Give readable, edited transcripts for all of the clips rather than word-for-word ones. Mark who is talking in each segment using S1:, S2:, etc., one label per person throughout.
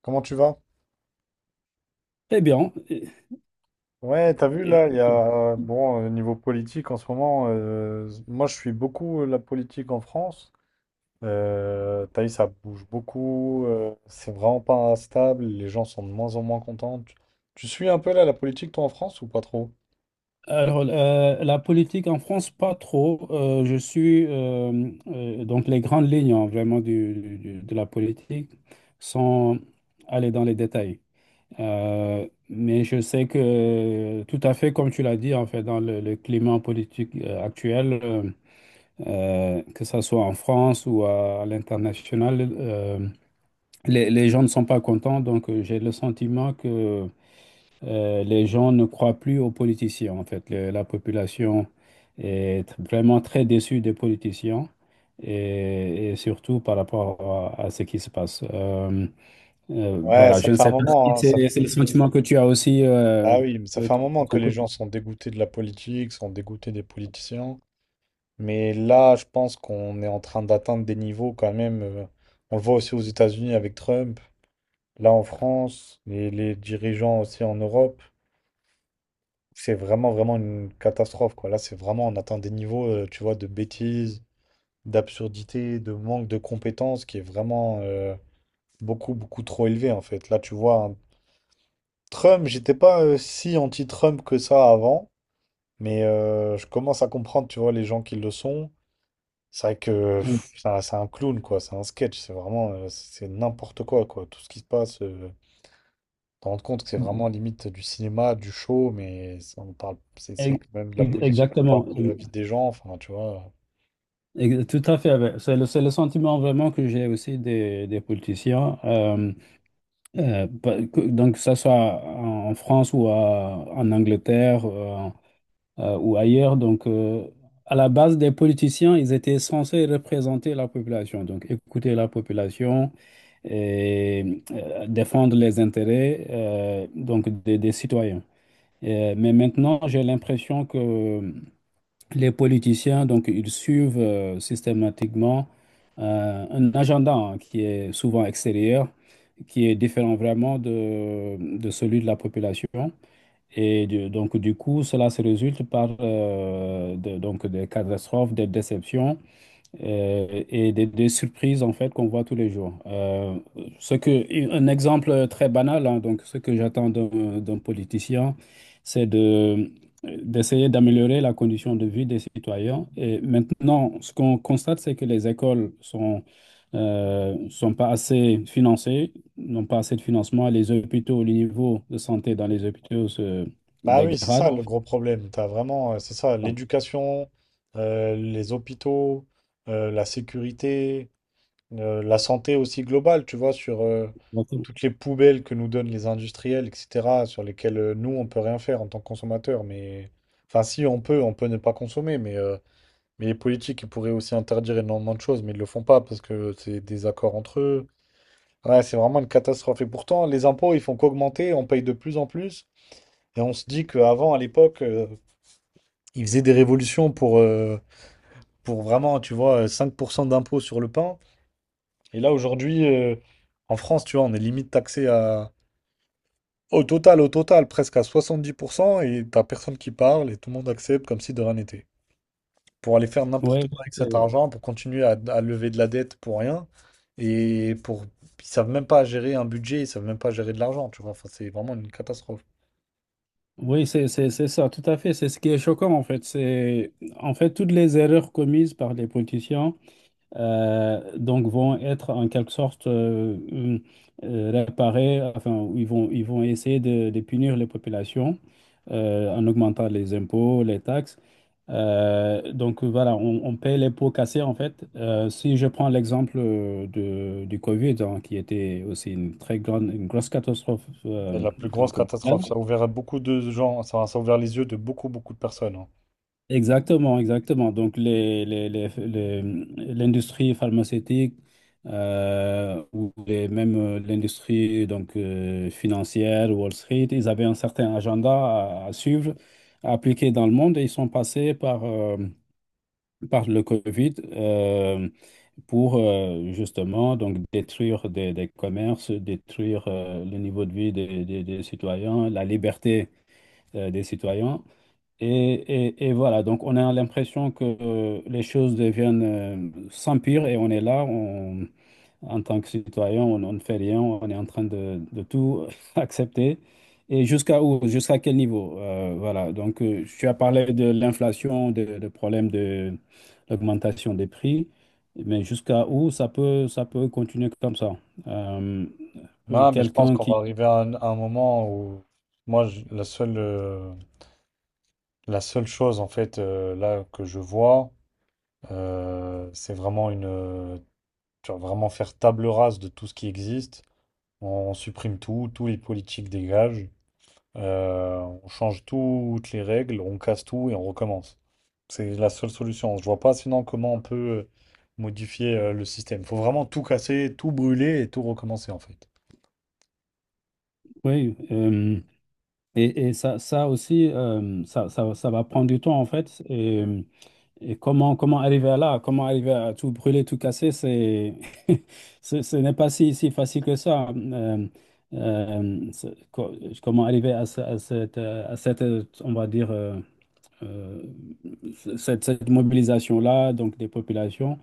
S1: Comment tu vas?
S2: Très bien.
S1: Ouais, t'as vu
S2: Et-
S1: là, il y a bon niveau politique en ce moment. Moi, je suis beaucoup la politique en France. T'as vu, ça bouge beaucoup. C'est vraiment pas stable. Les gens sont de moins en moins contents. Tu suis un peu là la politique toi en France ou pas trop?
S2: Alors, la politique en France, pas trop. Je suis donc les grandes lignes, hein, vraiment de la politique sans aller dans les détails. Mais je sais que, tout à fait, comme tu l'as dit, en fait, dans le climat politique, actuel, que ce soit en France ou à l'international, les gens ne sont pas contents. Donc, j'ai le sentiment que les gens ne croient plus aux politiciens, en fait. La population est vraiment très déçue des politiciens et surtout par rapport à ce qui se passe.
S1: Ouais,
S2: Voilà,
S1: ça
S2: je ne
S1: fait un
S2: sais pas si
S1: moment, hein,
S2: c'est c'est le sentiment que tu as aussi,
S1: ah oui, mais ça fait un
S2: de
S1: moment que
S2: ton
S1: les
S2: côté.
S1: gens sont dégoûtés de la politique, sont dégoûtés des politiciens. Mais là, je pense qu'on est en train d'atteindre des niveaux quand même. On le voit aussi aux États-Unis avec Trump. Là en France, et les dirigeants aussi en Europe, c'est vraiment, vraiment une catastrophe, quoi. Là, c'est vraiment, on atteint des niveaux, tu vois, de bêtises, d'absurdité, de manque de compétences qui est vraiment beaucoup, beaucoup trop élevé, en fait. Là, tu vois, Trump, j'étais pas si anti-Trump que ça avant, mais je commence à comprendre, tu vois, les gens qui le sont. C'est vrai que pff, c'est un clown, quoi. C'est un sketch. C'est vraiment, c'est n'importe quoi, quoi. Tout ce qui se passe. Te rendre compte que c'est vraiment limite du cinéma, du show, mais ça, on parle, c'est
S2: Ex-
S1: quand même de la politique, on parle
S2: Exactement.
S1: de la vie des gens, enfin, tu vois.
S2: Tout à fait, ouais. C'est le sentiment vraiment que j'ai aussi des politiciens, donc que ce soit en France ou en Angleterre, ou ailleurs. Donc, à la base, des politiciens, ils étaient censés représenter la population, donc écouter la population, et défendre les intérêts, donc des citoyens. Mais maintenant, j'ai l'impression que les politiciens, donc, ils suivent, systématiquement, un agenda, hein, qui est souvent extérieur, qui est différent vraiment de celui de la population. Donc, du coup, cela se résulte par, donc, des catastrophes, des déceptions, et des surprises, en fait, qu'on voit tous les jours. Un exemple très banal, hein, donc ce que j'attends d'un politicien, c'est d'essayer d'améliorer la condition de vie des citoyens. Et maintenant, ce qu'on constate, c'est que les écoles sont pas assez financées, n'ont pas assez de financement. Les hôpitaux, le niveau de santé dans les hôpitaux se
S1: Bah oui, c'est ça
S2: dégrade.
S1: le gros problème. T'as vraiment, c'est ça, l'éducation, les hôpitaux, la sécurité, la santé aussi globale, tu vois, sur toutes les poubelles que nous donnent les industriels, etc., sur lesquelles nous, on peut rien faire en tant que consommateurs. Mais enfin, si on peut, on peut ne pas consommer, mais mais les politiques, ils pourraient aussi interdire énormément de choses, mais ils le font pas parce que c'est des accords entre eux. Ouais, c'est vraiment une catastrophe. Et pourtant, les impôts, ils font qu'augmenter, on paye de plus en plus. Et on se dit qu'avant, à l'époque, ils faisaient des révolutions pour vraiment, tu vois, 5% d'impôts sur le pain. Et là, aujourd'hui, en France, tu vois, on est limite taxé à... au total, presque à 70%, et t'as personne qui parle, et tout le monde accepte comme si de rien n'était. Pour aller faire
S2: Oui,
S1: n'importe quoi avec cet argent, pour continuer à lever de la dette pour rien. Et pour, ils savent même pas gérer un budget, ils savent même pas gérer de l'argent, tu vois. Enfin, c'est vraiment une catastrophe.
S2: oui, c'est ça, tout à fait. C'est ce qui est choquant, en fait. C'est, en fait, toutes les erreurs commises par les politiciens donc vont être en quelque sorte, réparées, enfin, ils vont essayer de punir les populations, en augmentant les impôts, les taxes. Donc voilà, on paie les pots cassés, en fait. Si je prends l'exemple, du Covid, hein, qui était aussi une très grande, une grosse catastrophe,
S1: C'est la plus grosse
S2: donc,
S1: catastrophe.
S2: mondiale.
S1: Ça a ouvert à beaucoup de gens, ça a ouvert les yeux de beaucoup, beaucoup de personnes, hein.
S2: Exactement, exactement. Donc, l'industrie pharmaceutique, ou même, l'industrie, donc, financière, Wall Street, ils avaient un certain agenda à suivre, à appliquer dans le monde, et ils sont passés par le Covid, pour, justement, donc détruire des commerces, détruire, le niveau de vie des citoyens, la liberté, des citoyens. Et voilà, donc on a l'impression que, les choses deviennent, sans pire, et on est là, en tant que citoyen, on ne fait rien, on est en train de tout accepter. Et jusqu'à où, jusqu'à quel niveau? Voilà, donc, tu as parlé de l'inflation, de problème de l'augmentation des prix, mais jusqu'à où ça peut continuer comme ça? Euh,
S1: Non, mais je pense
S2: Quelqu'un
S1: qu'on va
S2: qui...
S1: arriver à un moment où, moi, je- la seule, euh, la seule chose, en fait, là, que je vois, c'est vraiment une, tu vois, vraiment faire table rase de tout ce qui existe. On supprime tout, tous les politiques dégagent, on change toutes les règles, on casse tout et on recommence. C'est la seule solution. Je vois pas sinon comment on peut modifier le système. Faut vraiment tout casser, tout brûler et tout recommencer en fait.
S2: Oui. Et ça, ça aussi, ça va prendre du temps, en fait. Et comment arriver à là, comment arriver à tout brûler, tout casser, c'est, ce n'est pas si facile que ça. Euh, c'est- co- Comment arriver à cette, on va dire, euh, cette mobilisation-là, donc des populations,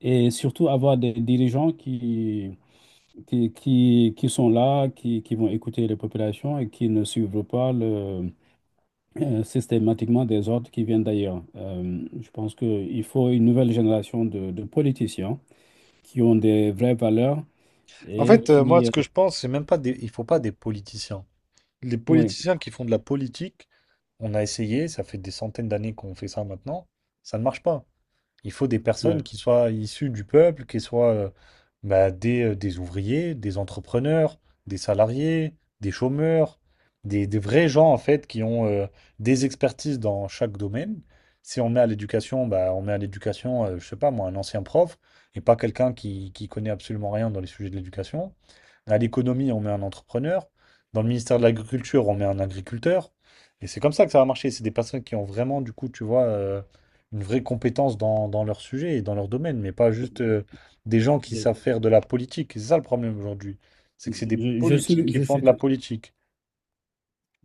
S2: et surtout avoir des dirigeants qui sont là, qui vont écouter les populations, et qui ne suivent pas le systématiquement des ordres qui viennent d'ailleurs. Je pense qu'il faut une nouvelle génération de politiciens qui ont des vraies valeurs
S1: En
S2: et
S1: fait, moi,
S2: qui...
S1: ce que je pense, c'est même pas des... il faut pas des politiciens. Les
S2: Oui,
S1: politiciens qui font de la politique, on a essayé, ça fait des centaines d'années qu'on fait ça maintenant, ça ne marche pas. Il faut des personnes
S2: oui.
S1: qui soient issues du peuple, qui soient bah, des ouvriers, des entrepreneurs, des salariés, des chômeurs, des vrais gens en fait qui ont des expertises dans chaque domaine. Si on met à l'éducation, bah, on met à l'éducation, je sais pas moi, un ancien prof et pas quelqu'un qui connaît absolument rien dans les sujets de l'éducation. À l'économie, on met un entrepreneur. Dans le ministère de l'Agriculture, on met un agriculteur. Et c'est comme ça que ça va marcher. C'est des personnes qui ont vraiment, du coup, tu vois, une vraie compétence dans leur sujet et dans leur domaine, mais pas juste des gens qui savent faire de la politique. C'est ça le problème aujourd'hui. C'est que c'est des
S2: Je, je
S1: politiques
S2: suis,
S1: qui
S2: je
S1: font
S2: suis
S1: de la
S2: tout,
S1: politique.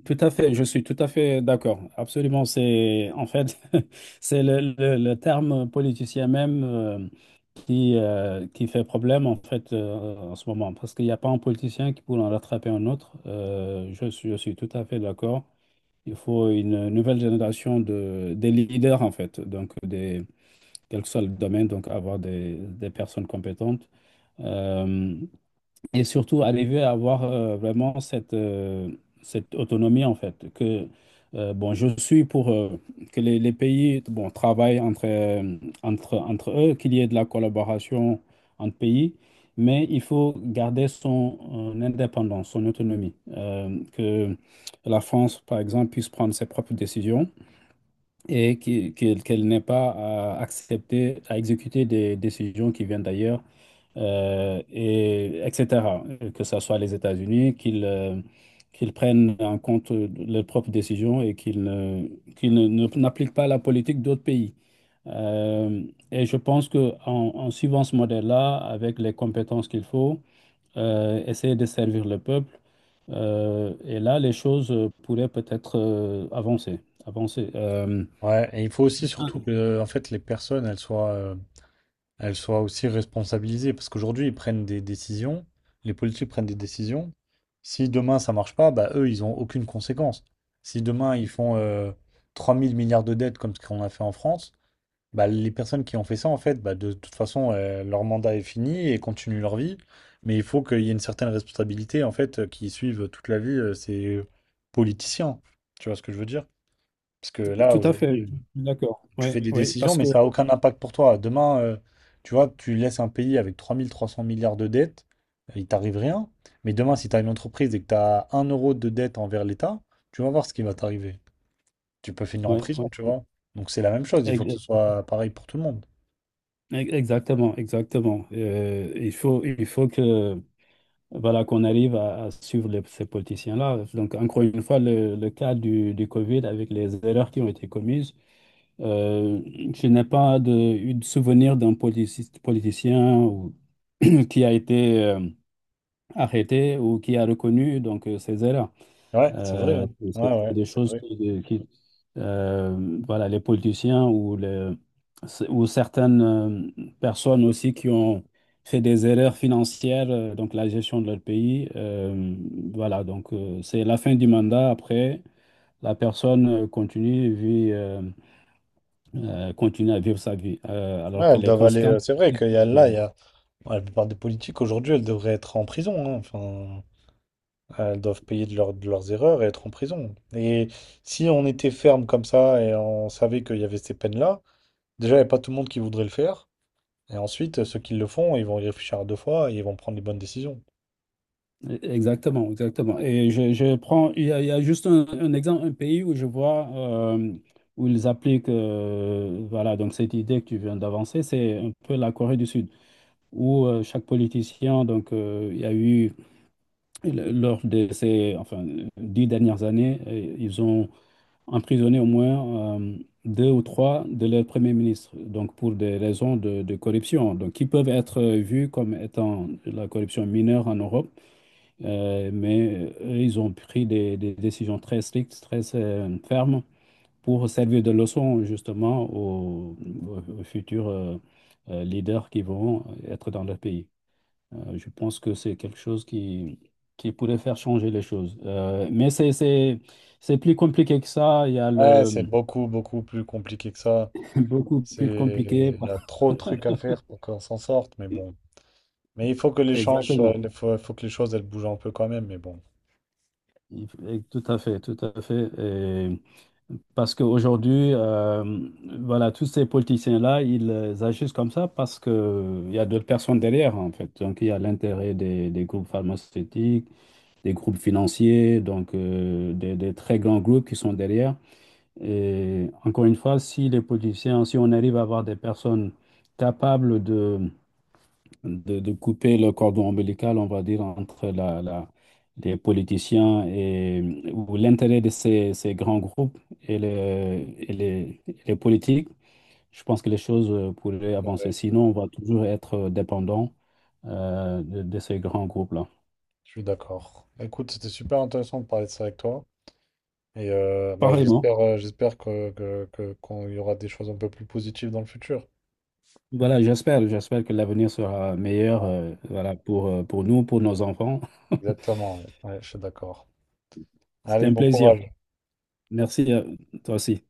S2: Tout à fait, je suis tout à fait d'accord. Absolument, c'est, en fait, c'est le terme politicien même, qui fait problème, en fait, en ce moment, parce qu'il n'y a pas un politicien qui pourrait en rattraper un autre. Je suis tout à fait d'accord. Il faut une nouvelle génération des leaders, en fait, donc des, quel que soit le domaine, donc avoir des personnes compétentes. Euh, et surtout arriver à avoir, vraiment cette, cette autonomie, en fait. Que, bon, je suis pour, que les pays, bon, travaillent entre, entre eux, qu'il y ait de la collaboration entre pays, mais il faut garder son, indépendance, son autonomie. Que la France, par exemple, puisse prendre ses propres décisions, et qu'elle n'ait pas à accepter, à exécuter, des décisions qui viennent d'ailleurs, et etc. Que ce soit les États-Unis, qu'ils prennent en compte leurs propres décisions, et qu'ils ne- ne- n'appliquent pas la politique d'autres pays. Euh, et je pense que, en suivant ce modèle-là, avec les compétences qu'il faut, essayer de servir le peuple, et là, les choses pourraient peut-être, avancer. Avancer.
S1: Ouais, et il faut aussi surtout que en fait les personnes elles soient aussi responsabilisées parce qu'aujourd'hui ils prennent des décisions, les politiques prennent des décisions. Si demain ça marche pas, bah eux ils ont aucune conséquence. Si demain ils font 3 000 milliards de dettes comme ce qu'on a fait en France, bah, les personnes qui ont fait ça, en fait, bah, de toute façon, leur mandat est fini et continuent leur vie. Mais il faut qu'il y ait une certaine responsabilité, en fait, qui suivent toute la vie ces politiciens. Tu vois ce que je veux dire? Parce que là,
S2: Tout à fait,
S1: aujourd'hui,
S2: d'accord.
S1: tu
S2: Oui,
S1: fais des
S2: oui,
S1: décisions,
S2: parce
S1: mais
S2: que
S1: ça n'a aucun impact pour toi. Demain, tu vois, tu laisses un pays avec 3300 milliards de dettes, il t'arrive rien. Mais demain, si tu as une entreprise et que tu as un euro de dette envers l'État, tu vas voir ce qui va t'arriver. Tu peux finir en
S2: oui,
S1: prison, tu vois. Donc c'est la même chose, il faut que
S2: oui.
S1: ce soit pareil pour tout le monde.
S2: Exactement, exactement. Il faut que, voilà, qu'on arrive à suivre ces politiciens-là. Donc, encore une fois, le cas du Covid avec les erreurs qui ont été commises, euh, je n'ai pas eu de souvenir d'un politicien ou- qui a été, arrêté, ou qui a reconnu, donc, ses erreurs.
S1: Ouais, c'est vrai,
S2: Euh,
S1: hein. Ouais,
S2: c'est
S1: ouais,
S2: des
S1: c'est
S2: choses
S1: vrai.
S2: voilà, les politiciens, ou les, ou certaines, personnes aussi qui ont fait des erreurs financières, donc la gestion de leur pays. Voilà, donc, c'est la fin du mandat. Après, la personne, continue, vit, continue à vivre sa vie.
S1: Ouais,
S2: Alors que
S1: elles
S2: les
S1: doivent aller.
S2: conséquences...
S1: C'est vrai qu'il y a là, il y a. Ouais, la plupart des politiques aujourd'hui, elles devraient être en prison, hein. Enfin, elles doivent payer de leurs erreurs et être en prison. Et si on était ferme comme ça et on savait qu'il y avait ces peines-là, déjà, il n'y a pas tout le monde qui voudrait le faire. Et ensuite, ceux qui le font, ils vont y réfléchir à 2 fois et ils vont prendre les bonnes décisions.
S2: Exactement, exactement. Et je prends, il y a juste un exemple, un pays où je vois, où ils appliquent, voilà, donc cette idée que tu viens d'avancer, c'est un peu la Corée du Sud, où, chaque politicien, donc, il y a eu, lors de ces, enfin, 10 dernières années, ils ont emprisonné au moins, deux ou trois de leurs premiers ministres, donc pour des raisons de corruption, donc qui peuvent être, vues comme étant de la corruption mineure en Europe. Mais, eux, ils ont pris des décisions très strictes, très, fermes, pour servir de leçon justement aux futurs, leaders qui vont être dans leur pays. Je pense que c'est quelque chose qui pourrait faire changer les choses. Mais c'est plus compliqué que ça. Il y a
S1: Ouais, c'est
S2: le
S1: beaucoup, beaucoup plus compliqué que ça.
S2: beaucoup plus
S1: C'est...
S2: compliqué.
S1: il y a trop de trucs à faire pour qu'on s'en sorte, mais bon. Mais il faut que les changes,
S2: Exactement.
S1: il faut que les choses elles bougent un peu quand même, mais bon,
S2: Il et Tout à fait, tout à fait. Et parce qu'aujourd'hui, voilà, tous ces politiciens-là, ils, agissent comme ça parce qu'il y a d'autres personnes derrière, en fait. Donc, il y a l'intérêt des groupes pharmaceutiques, des groupes financiers, donc, des très grands groupes qui sont derrière. Et encore une fois, si les politiciens, si on arrive à avoir des personnes capables de couper le cordon ombilical, on va dire, entre les politiciens et, ou l'intérêt de ces grands groupes, et les politiques, je pense que les choses, pourraient
S1: c'est
S2: avancer.
S1: vrai,
S2: Sinon, on va toujours être dépendant, de ces grands groupes-là.
S1: je suis d'accord. Écoute, c'était super intéressant de parler de ça avec toi. Et bah,
S2: Pareillement.
S1: j'espère j'espère qu'on y aura des choses un peu plus positives dans le futur.
S2: Voilà, j'espère que l'avenir sera meilleur,
S1: Ouais,
S2: voilà, pour nous, pour nos enfants.
S1: exactement, ouais. Ouais, je suis d'accord.
S2: C'était
S1: Allez,
S2: un
S1: bon
S2: plaisir.
S1: courage.
S2: Merci à toi aussi.